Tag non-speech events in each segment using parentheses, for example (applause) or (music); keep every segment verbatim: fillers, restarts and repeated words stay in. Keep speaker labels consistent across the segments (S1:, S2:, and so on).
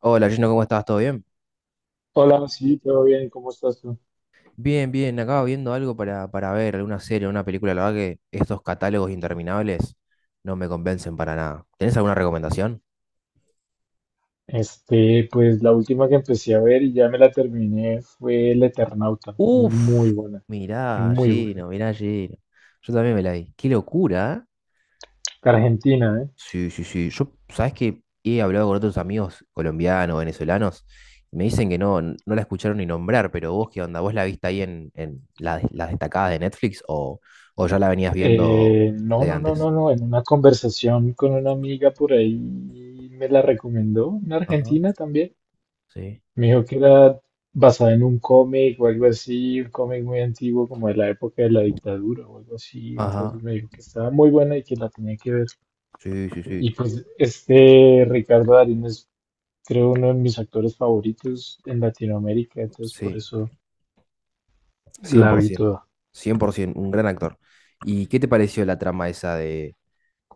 S1: Hola, Gino, ¿cómo estás? ¿Todo bien?
S2: Hola, sí, todo bien, ¿cómo estás tú?
S1: Bien, bien, acaba viendo algo para, para ver, alguna serie, una película. La verdad que estos catálogos interminables no me convencen para nada. ¿Tenés alguna recomendación?
S2: Este, pues la última que empecé a ver y ya me la terminé fue El Eternauta. Muy
S1: Uf,
S2: buena,
S1: mirá,
S2: muy buena.
S1: Gino, mirá, Gino. Yo también me la vi. Qué locura, ¿eh?
S2: Argentina, ¿eh?
S1: Sí, sí, sí. Yo, ¿sabés que he hablado con otros amigos colombianos, venezolanos, me dicen que no, n- no la escucharon ni nombrar, pero vos, ¿qué onda? ¿Vos la viste ahí en, en la- las destacadas de Netflix o, o ya la venías viendo
S2: Eh, no,
S1: de
S2: no, no,
S1: antes?
S2: no, no. En una conversación con una amiga por ahí me la recomendó, una
S1: Ajá.
S2: argentina también.
S1: Sí.
S2: Me dijo que era basada en un cómic o algo así, un cómic muy antiguo como de la época de la dictadura o algo así.
S1: Ajá,
S2: Entonces me dijo que estaba muy buena y que la tenía que ver.
S1: sí, sí, sí, sí,
S2: Y pues este Ricardo Darín es, creo, uno de mis actores favoritos en Latinoamérica, entonces por
S1: cien
S2: eso
S1: cien
S2: la
S1: por
S2: vi
S1: ciento,
S2: toda.
S1: cien por cien por ciento, un gran actor. ¿Y qué te pareció la trama esa de,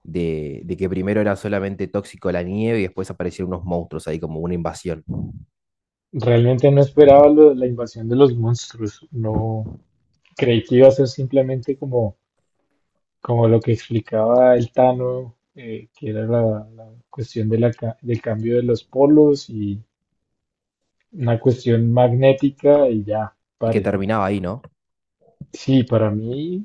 S1: de, de que primero era solamente tóxico la nieve y después aparecieron unos monstruos ahí como una invasión? Ujú.
S2: Realmente no esperaba lo de la invasión de los monstruos, no creí que iba a ser simplemente como, como lo que explicaba el Tano, eh, que era la, la cuestión de la ca- del cambio de los polos y una cuestión magnética y ya,
S1: Y que
S2: pare.
S1: terminaba ahí, ¿no?
S2: Sí, para mí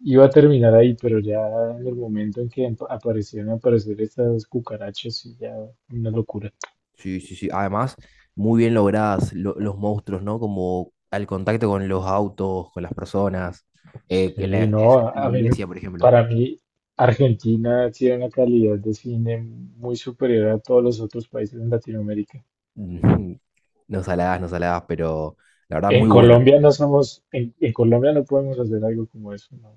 S2: iba a terminar ahí, pero ya en el momento en que emp- aparecieron aparecer estas cucarachas, sí, ya una locura.
S1: Sí, sí, sí. Además, muy bien logradas lo- los monstruos, ¿no? Como al contacto con los autos, con las personas, eh, en la
S2: Sí, no,
S1: escena de
S2: a
S1: la
S2: a mí, me-
S1: iglesia, por ejemplo.
S2: para mí Argentina tiene una calidad de cine muy superior a todos los otros países en Latinoamérica.
S1: (laughs) Ujú. No saladas, no saladas, pero la verdad
S2: En
S1: muy buena.
S2: Colombia no somos, en, en Colombia no podemos hacer algo como eso, no,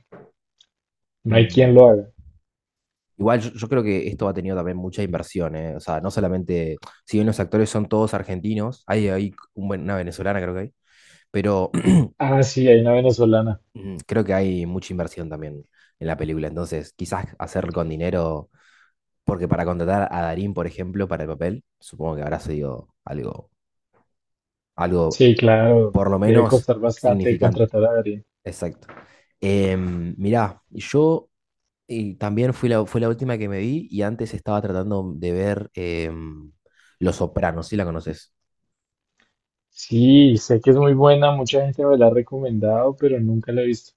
S2: no hay quien
S1: Mm.
S2: lo haga.
S1: Igual yo, yo creo que esto ha tenido también mucha inversión, ¿eh? O sea, no solamente, si bien los actores son todos argentinos, hay, hay un buen- una venezolana creo que hay, pero
S2: Ah, sí, hay una venezolana.
S1: (clears throat) creo que hay mucha inversión también en la película. Entonces, quizás hacer con dinero, porque para contratar a Darín, por ejemplo, para el papel, supongo que habrá sido algo, algo
S2: Sí, claro,
S1: por lo
S2: debe
S1: menos
S2: costar bastante
S1: significante.
S2: contratar a Darín.
S1: Exacto. Mira, mirá, yo y también fue la, fue la última que me vi y antes estaba tratando de ver em, Los Sopranos, si la conoces.
S2: Sí, sé que es muy buena, mucha gente me la ha recomendado, pero nunca la he visto.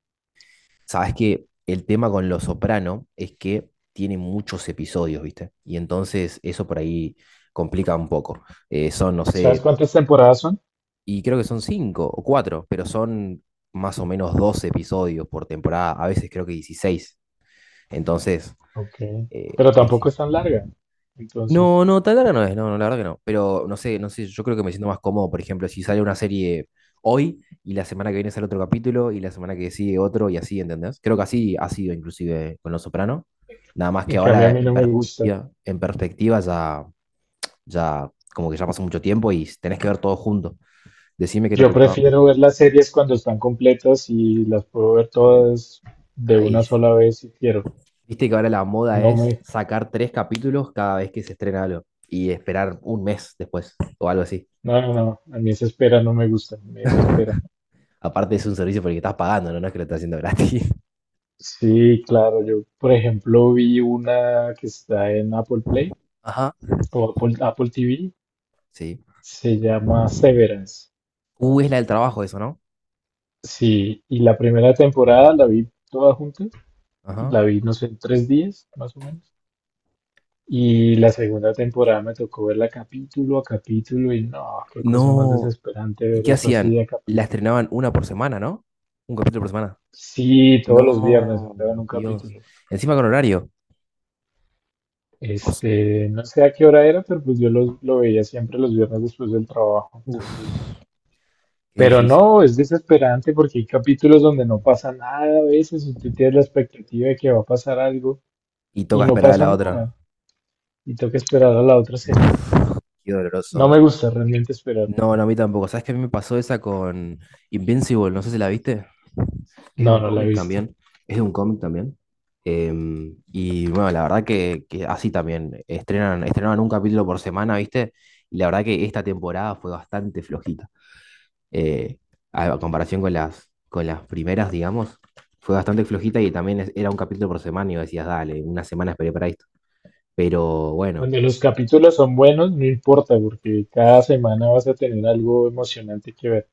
S1: Sabes que el tema con Los Soprano es que tiene muchos episodios, ¿viste? Y entonces eso por ahí complica un poco. Eh, son, no
S2: ¿Sabes
S1: sé,
S2: cuántas temporadas son?
S1: y creo que son cinco o cuatro, pero son más o menos doce episodios por temporada, a veces creo que dieciséis. Entonces,
S2: Ok,
S1: eh,
S2: pero tampoco es tan larga. Entonces,
S1: no, no, tan larga no es, no, no, la verdad que no. Pero no sé, no sé, yo creo que me siento más cómodo, por ejemplo, si sale una serie hoy y la semana que viene sale otro capítulo y la semana que sigue otro y así, ¿entendés? Creo que así ha sido inclusive con Los Soprano. Nada más que
S2: en cambio a
S1: ahora
S2: mí
S1: en
S2: no me gusta.
S1: perspectiva, en perspectiva ya, ya como que ya pasó mucho tiempo y tenés que ver todo junto. Decime que no te
S2: Yo
S1: gustaba.
S2: prefiero ver las series cuando están completas y las puedo ver todas de una
S1: Ay,
S2: sola vez si quiero.
S1: viste que ahora la moda
S2: No
S1: es
S2: me,
S1: sacar tres capítulos cada vez que se estrena algo y esperar un mes después o algo así.
S2: no, no, no, a mí esa espera no me gusta, me desespera.
S1: (laughs) Aparte es un servicio por el que estás pagando, ¿no? No es que lo estás haciendo gratis.
S2: Sí, claro, yo por ejemplo vi una que está en Apple
S1: (laughs)
S2: Play
S1: Ajá.
S2: o Apple, Apple T V,
S1: Sí.
S2: se llama Severance.
S1: Uh, es la del trabajo eso, ¿no?
S2: Sí, y la primera temporada la vi toda junta,
S1: Ajá.
S2: la vi, no sé, en tres días, más o menos. Y la segunda temporada me tocó verla capítulo a capítulo y no, qué cosa más
S1: No.
S2: desesperante
S1: ¿Y
S2: ver
S1: qué
S2: eso así
S1: hacían?
S2: de a
S1: La
S2: capítulo.
S1: estrenaban una por semana, ¿no? Un capítulo por semana.
S2: Sí, todos los viernes
S1: No,
S2: sacaban un
S1: Dios.
S2: capítulo.
S1: Encima con horario. Os-
S2: Este, no sé a qué hora era, pero pues yo los- lo veía siempre los viernes después del trabajo.
S1: Uf,
S2: Entonces, no.
S1: qué
S2: Pero
S1: difícil.
S2: no, es desesperante porque hay capítulos donde no pasa nada a veces, usted tiene la expectativa de que va a pasar algo
S1: Y
S2: y
S1: toca
S2: no
S1: esperar a
S2: pasa
S1: la otra.
S2: nada. Y tengo que esperar a la otra semana.
S1: Uf, qué
S2: No
S1: doloroso.
S2: me gusta realmente esperar.
S1: No, no, a mí tampoco. ¿Sabes qué? A mí me pasó esa con Invincible. No sé si la viste. Es de
S2: No,
S1: un
S2: no la he
S1: cómic
S2: visto.
S1: también, es de un cómic también. Em, y bueno, la verdad que, que así también, estrenan, estrenaban un capítulo por semana, ¿viste? Y la verdad que esta temporada fue bastante flojita. Eh, a, a comparación con las, con las primeras, digamos, fue bastante flojita y también es- era un capítulo por semana y vos decías, dale, una semana esperé para esto. Pero bueno,
S2: Cuando los capítulos son buenos, no importa, porque cada semana vas a tener algo emocionante que ver.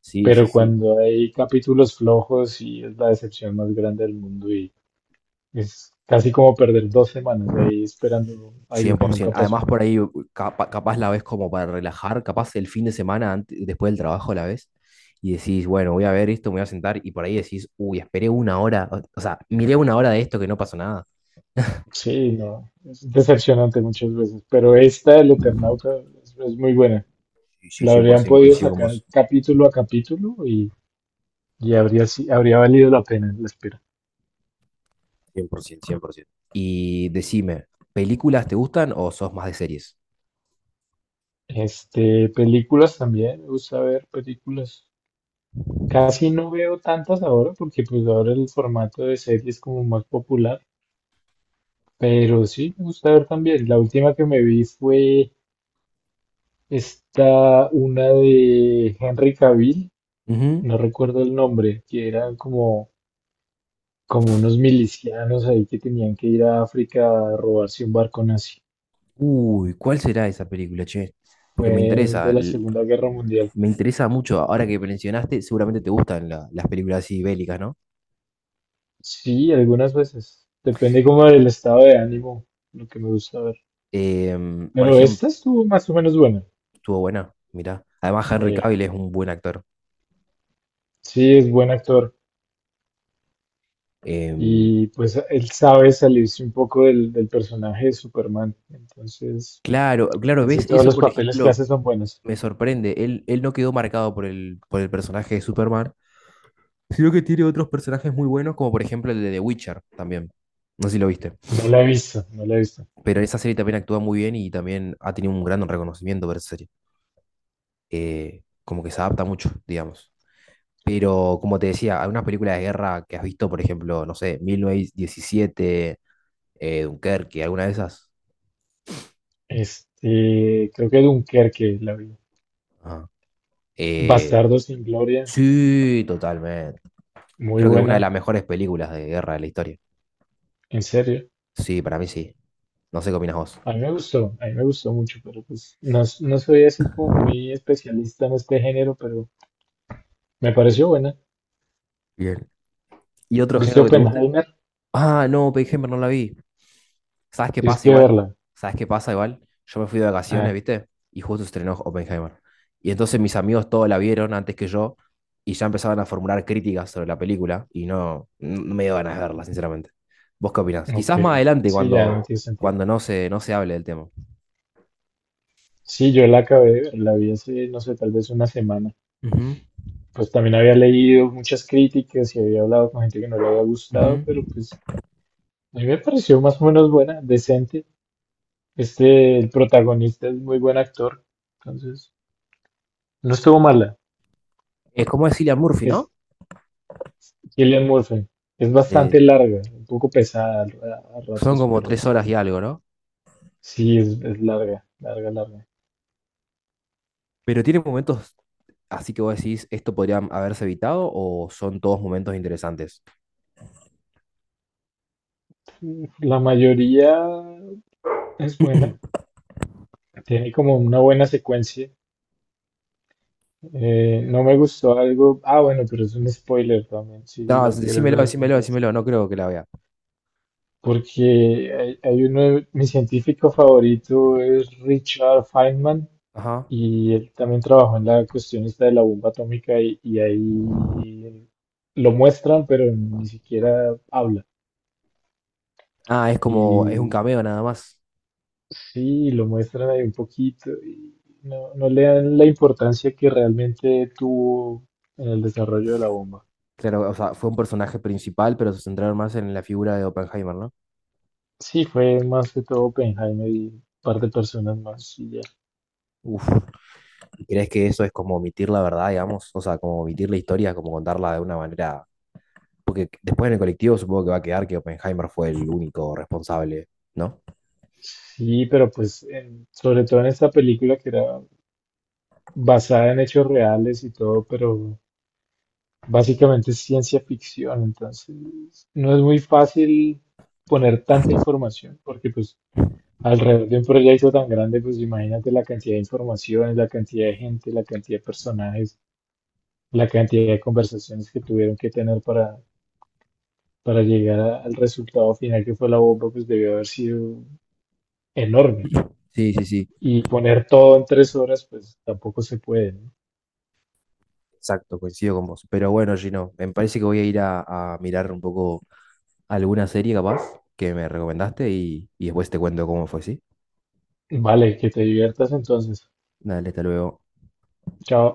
S1: sí, sí,
S2: Pero
S1: sí.
S2: cuando hay capítulos flojos, sí es la decepción más grande del mundo y es casi como perder dos semanas ahí esperando algo que nunca
S1: cien por ciento. Además,
S2: pasó.
S1: por ahí capa- capaz la ves como para relajar, capaz el fin de semana ante- después del trabajo la ves y decís, bueno, voy a ver esto, me voy a sentar y por ahí decís, uy, esperé una hora, o o sea, miré una hora de esto que no pasó nada.
S2: Sí, no, es decepcionante muchas veces, pero esta, El Eternauta, es, es, muy buena.
S1: Sí, sí,
S2: La habrían
S1: cien por ciento,
S2: podido
S1: coincido con
S2: sacar
S1: vos.
S2: capítulo a capítulo y Y habría, si- habría valido la pena la espera.
S1: Cien por cien por ciento. Y decime, ¿películas te gustan o sos más de series?
S2: Este, películas también, me gusta ver películas. Casi no veo tantas ahora porque pues ahora el formato de serie es como más popular, pero sí me gusta ver también. La última que me vi fue esta, una de Henry Cavill,
S1: Ujú.
S2: no recuerdo el nombre, que eran como, como unos milicianos ahí que tenían que ir a África a robarse un barco nazi.
S1: Uy, ¿cuál será esa película, che?
S2: Fue
S1: Porque me interesa,
S2: de la
S1: l-
S2: Segunda Guerra Mundial.
S1: me interesa mucho. Ahora que mencionaste, seguramente te gustan la- las películas así bélicas, ¿no?
S2: Sí, algunas veces. Depende como del estado de ánimo, lo que me gusta ver.
S1: Em, por
S2: Pero
S1: ejemplo,
S2: esta estuvo más o menos buena.
S1: estuvo buena, mirá. Además, Henry
S2: Eh,
S1: Cavill es un buen actor.
S2: sí, es buen actor.
S1: Em,
S2: Y pues él sabe salirse un poco del, del personaje de Superman. Entonces,
S1: claro, claro,
S2: casi
S1: ¿ves?
S2: todos
S1: Eso,
S2: los
S1: por
S2: papeles que
S1: ejemplo,
S2: hace son buenos.
S1: me sorprende. Él, él no quedó marcado por el, por el personaje de Superman, sino que tiene otros personajes muy buenos, como por ejemplo el de The Witcher también. No sé si lo viste.
S2: No la he visto, no la he visto.
S1: Pero esa serie también actúa muy bien y también ha tenido un gran reconocimiento por esa serie. Eh, como que se adapta mucho, digamos. Pero como te decía, hay unas películas de guerra que has visto, por ejemplo, no sé, mil novecientos diecisiete, eh, Dunkerque, alguna de esas.
S2: Este, creo que Dunkerque la vi.
S1: Ajá. Eh,
S2: Bastardo sin Gloria,
S1: sí, totalmente.
S2: muy
S1: Creo que es una de
S2: buena.
S1: las mejores películas de guerra de la historia.
S2: En serio,
S1: Sí, para mí sí. No sé qué opinas vos.
S2: a mí me gustó, a mí me gustó mucho, pero pues no, s- no soy así como muy especialista en este género, pero me pareció buena.
S1: Bien. ¿Y otro
S2: ¿Viste
S1: género que te guste?
S2: Oppenheimer?
S1: Ah, no, Pearl Hammer no la vi. ¿Sabes qué
S2: Tienes
S1: pasa
S2: que
S1: igual?
S2: verla.
S1: ¿Sabes qué pasa igual? Yo me fui de vacaciones,
S2: Ah,
S1: ¿viste? Y justo estrenó Oppenheimer. Y entonces mis amigos todos la vieron antes que yo y ya empezaban a formular críticas sobre la película y no, no me dio ganas de verla, sinceramente. ¿Vos qué opinás?
S2: ok.
S1: Quizás más adelante
S2: Sí, ya no
S1: cuando,
S2: tiene sentido.
S1: cuando no se, no se hable del tema.
S2: Sí, yo la acabé de ver, la vi hace, no sé, tal vez una semana.
S1: Ujú,
S2: Pues también había leído muchas críticas y había hablado con gente que no le había gustado,
S1: ujú.
S2: pero pues a mí me pareció más o menos buena, decente. Este, el protagonista es muy buen actor, entonces no estuvo mala.
S1: Es como es Cillian Murphy, ¿no?
S2: Cillian Murphy. Es
S1: Eh,
S2: bastante larga, un poco pesada a, a
S1: son
S2: ratos,
S1: como
S2: pero
S1: tres horas y algo, ¿no?
S2: sí es, es, larga, larga, larga.
S1: Pero tiene momentos así que vos decís, ¿esto podría haberse evitado o son todos momentos interesantes?
S2: La mayoría es buena,
S1: (clears throat)
S2: tiene como una buena secuencia. Eh, no me gustó algo, ah, bueno, pero es un spoiler también, si
S1: No,
S2: la quieres
S1: decímelo,
S2: ver algún
S1: decímelo,
S2: día.
S1: decímelo, no creo que la vea.
S2: Porque hay, hay uno, de- mi científico favorito es Richard Feynman.
S1: Ajá.
S2: Y él también trabajó en la cuestión esta de la bomba atómica y, y ahí lo muestran, pero ni siquiera habla.
S1: Ah, es como, es un
S2: Y
S1: cameo nada más.
S2: sí, lo muestran ahí un poquito y no, no le dan la importancia que realmente tuvo en el desarrollo de la bomba.
S1: Claro, o sea, fue un personaje principal, pero se centraron más en la figura de Oppenheimer, ¿no?
S2: Sí, fue más que todo Oppenheimer y un par de personas más y ya.
S1: Uf, ¿crees que eso es como omitir la verdad, digamos? O sea, como omitir la historia, como contarla de una manera... Porque después en el colectivo supongo que va a quedar que Oppenheimer fue el único responsable, ¿no?
S2: Sí, pero pues en- sobre todo en esta película que era basada en hechos reales y todo, pero básicamente es ciencia ficción, entonces no es muy fácil poner tanta información, porque pues alrededor de un proyecto tan grande, pues imagínate la cantidad de informaciones, la cantidad de gente, la cantidad de personajes, la cantidad de conversaciones que tuvieron que tener para, para llegar a- al resultado final que fue la bomba, pues debió haber sido enorme.
S1: Sí, sí, sí.
S2: Y poner todo en tres horas, pues tampoco se puede, ¿no?
S1: Exacto, coincido con vos. Pero bueno, Gino, me parece que voy a ir a, a mirar un poco alguna serie capaz que me recomendaste y, y después te cuento cómo fue, ¿sí?
S2: Vale, que te diviertas entonces.
S1: Dale, hasta luego.
S2: Chao.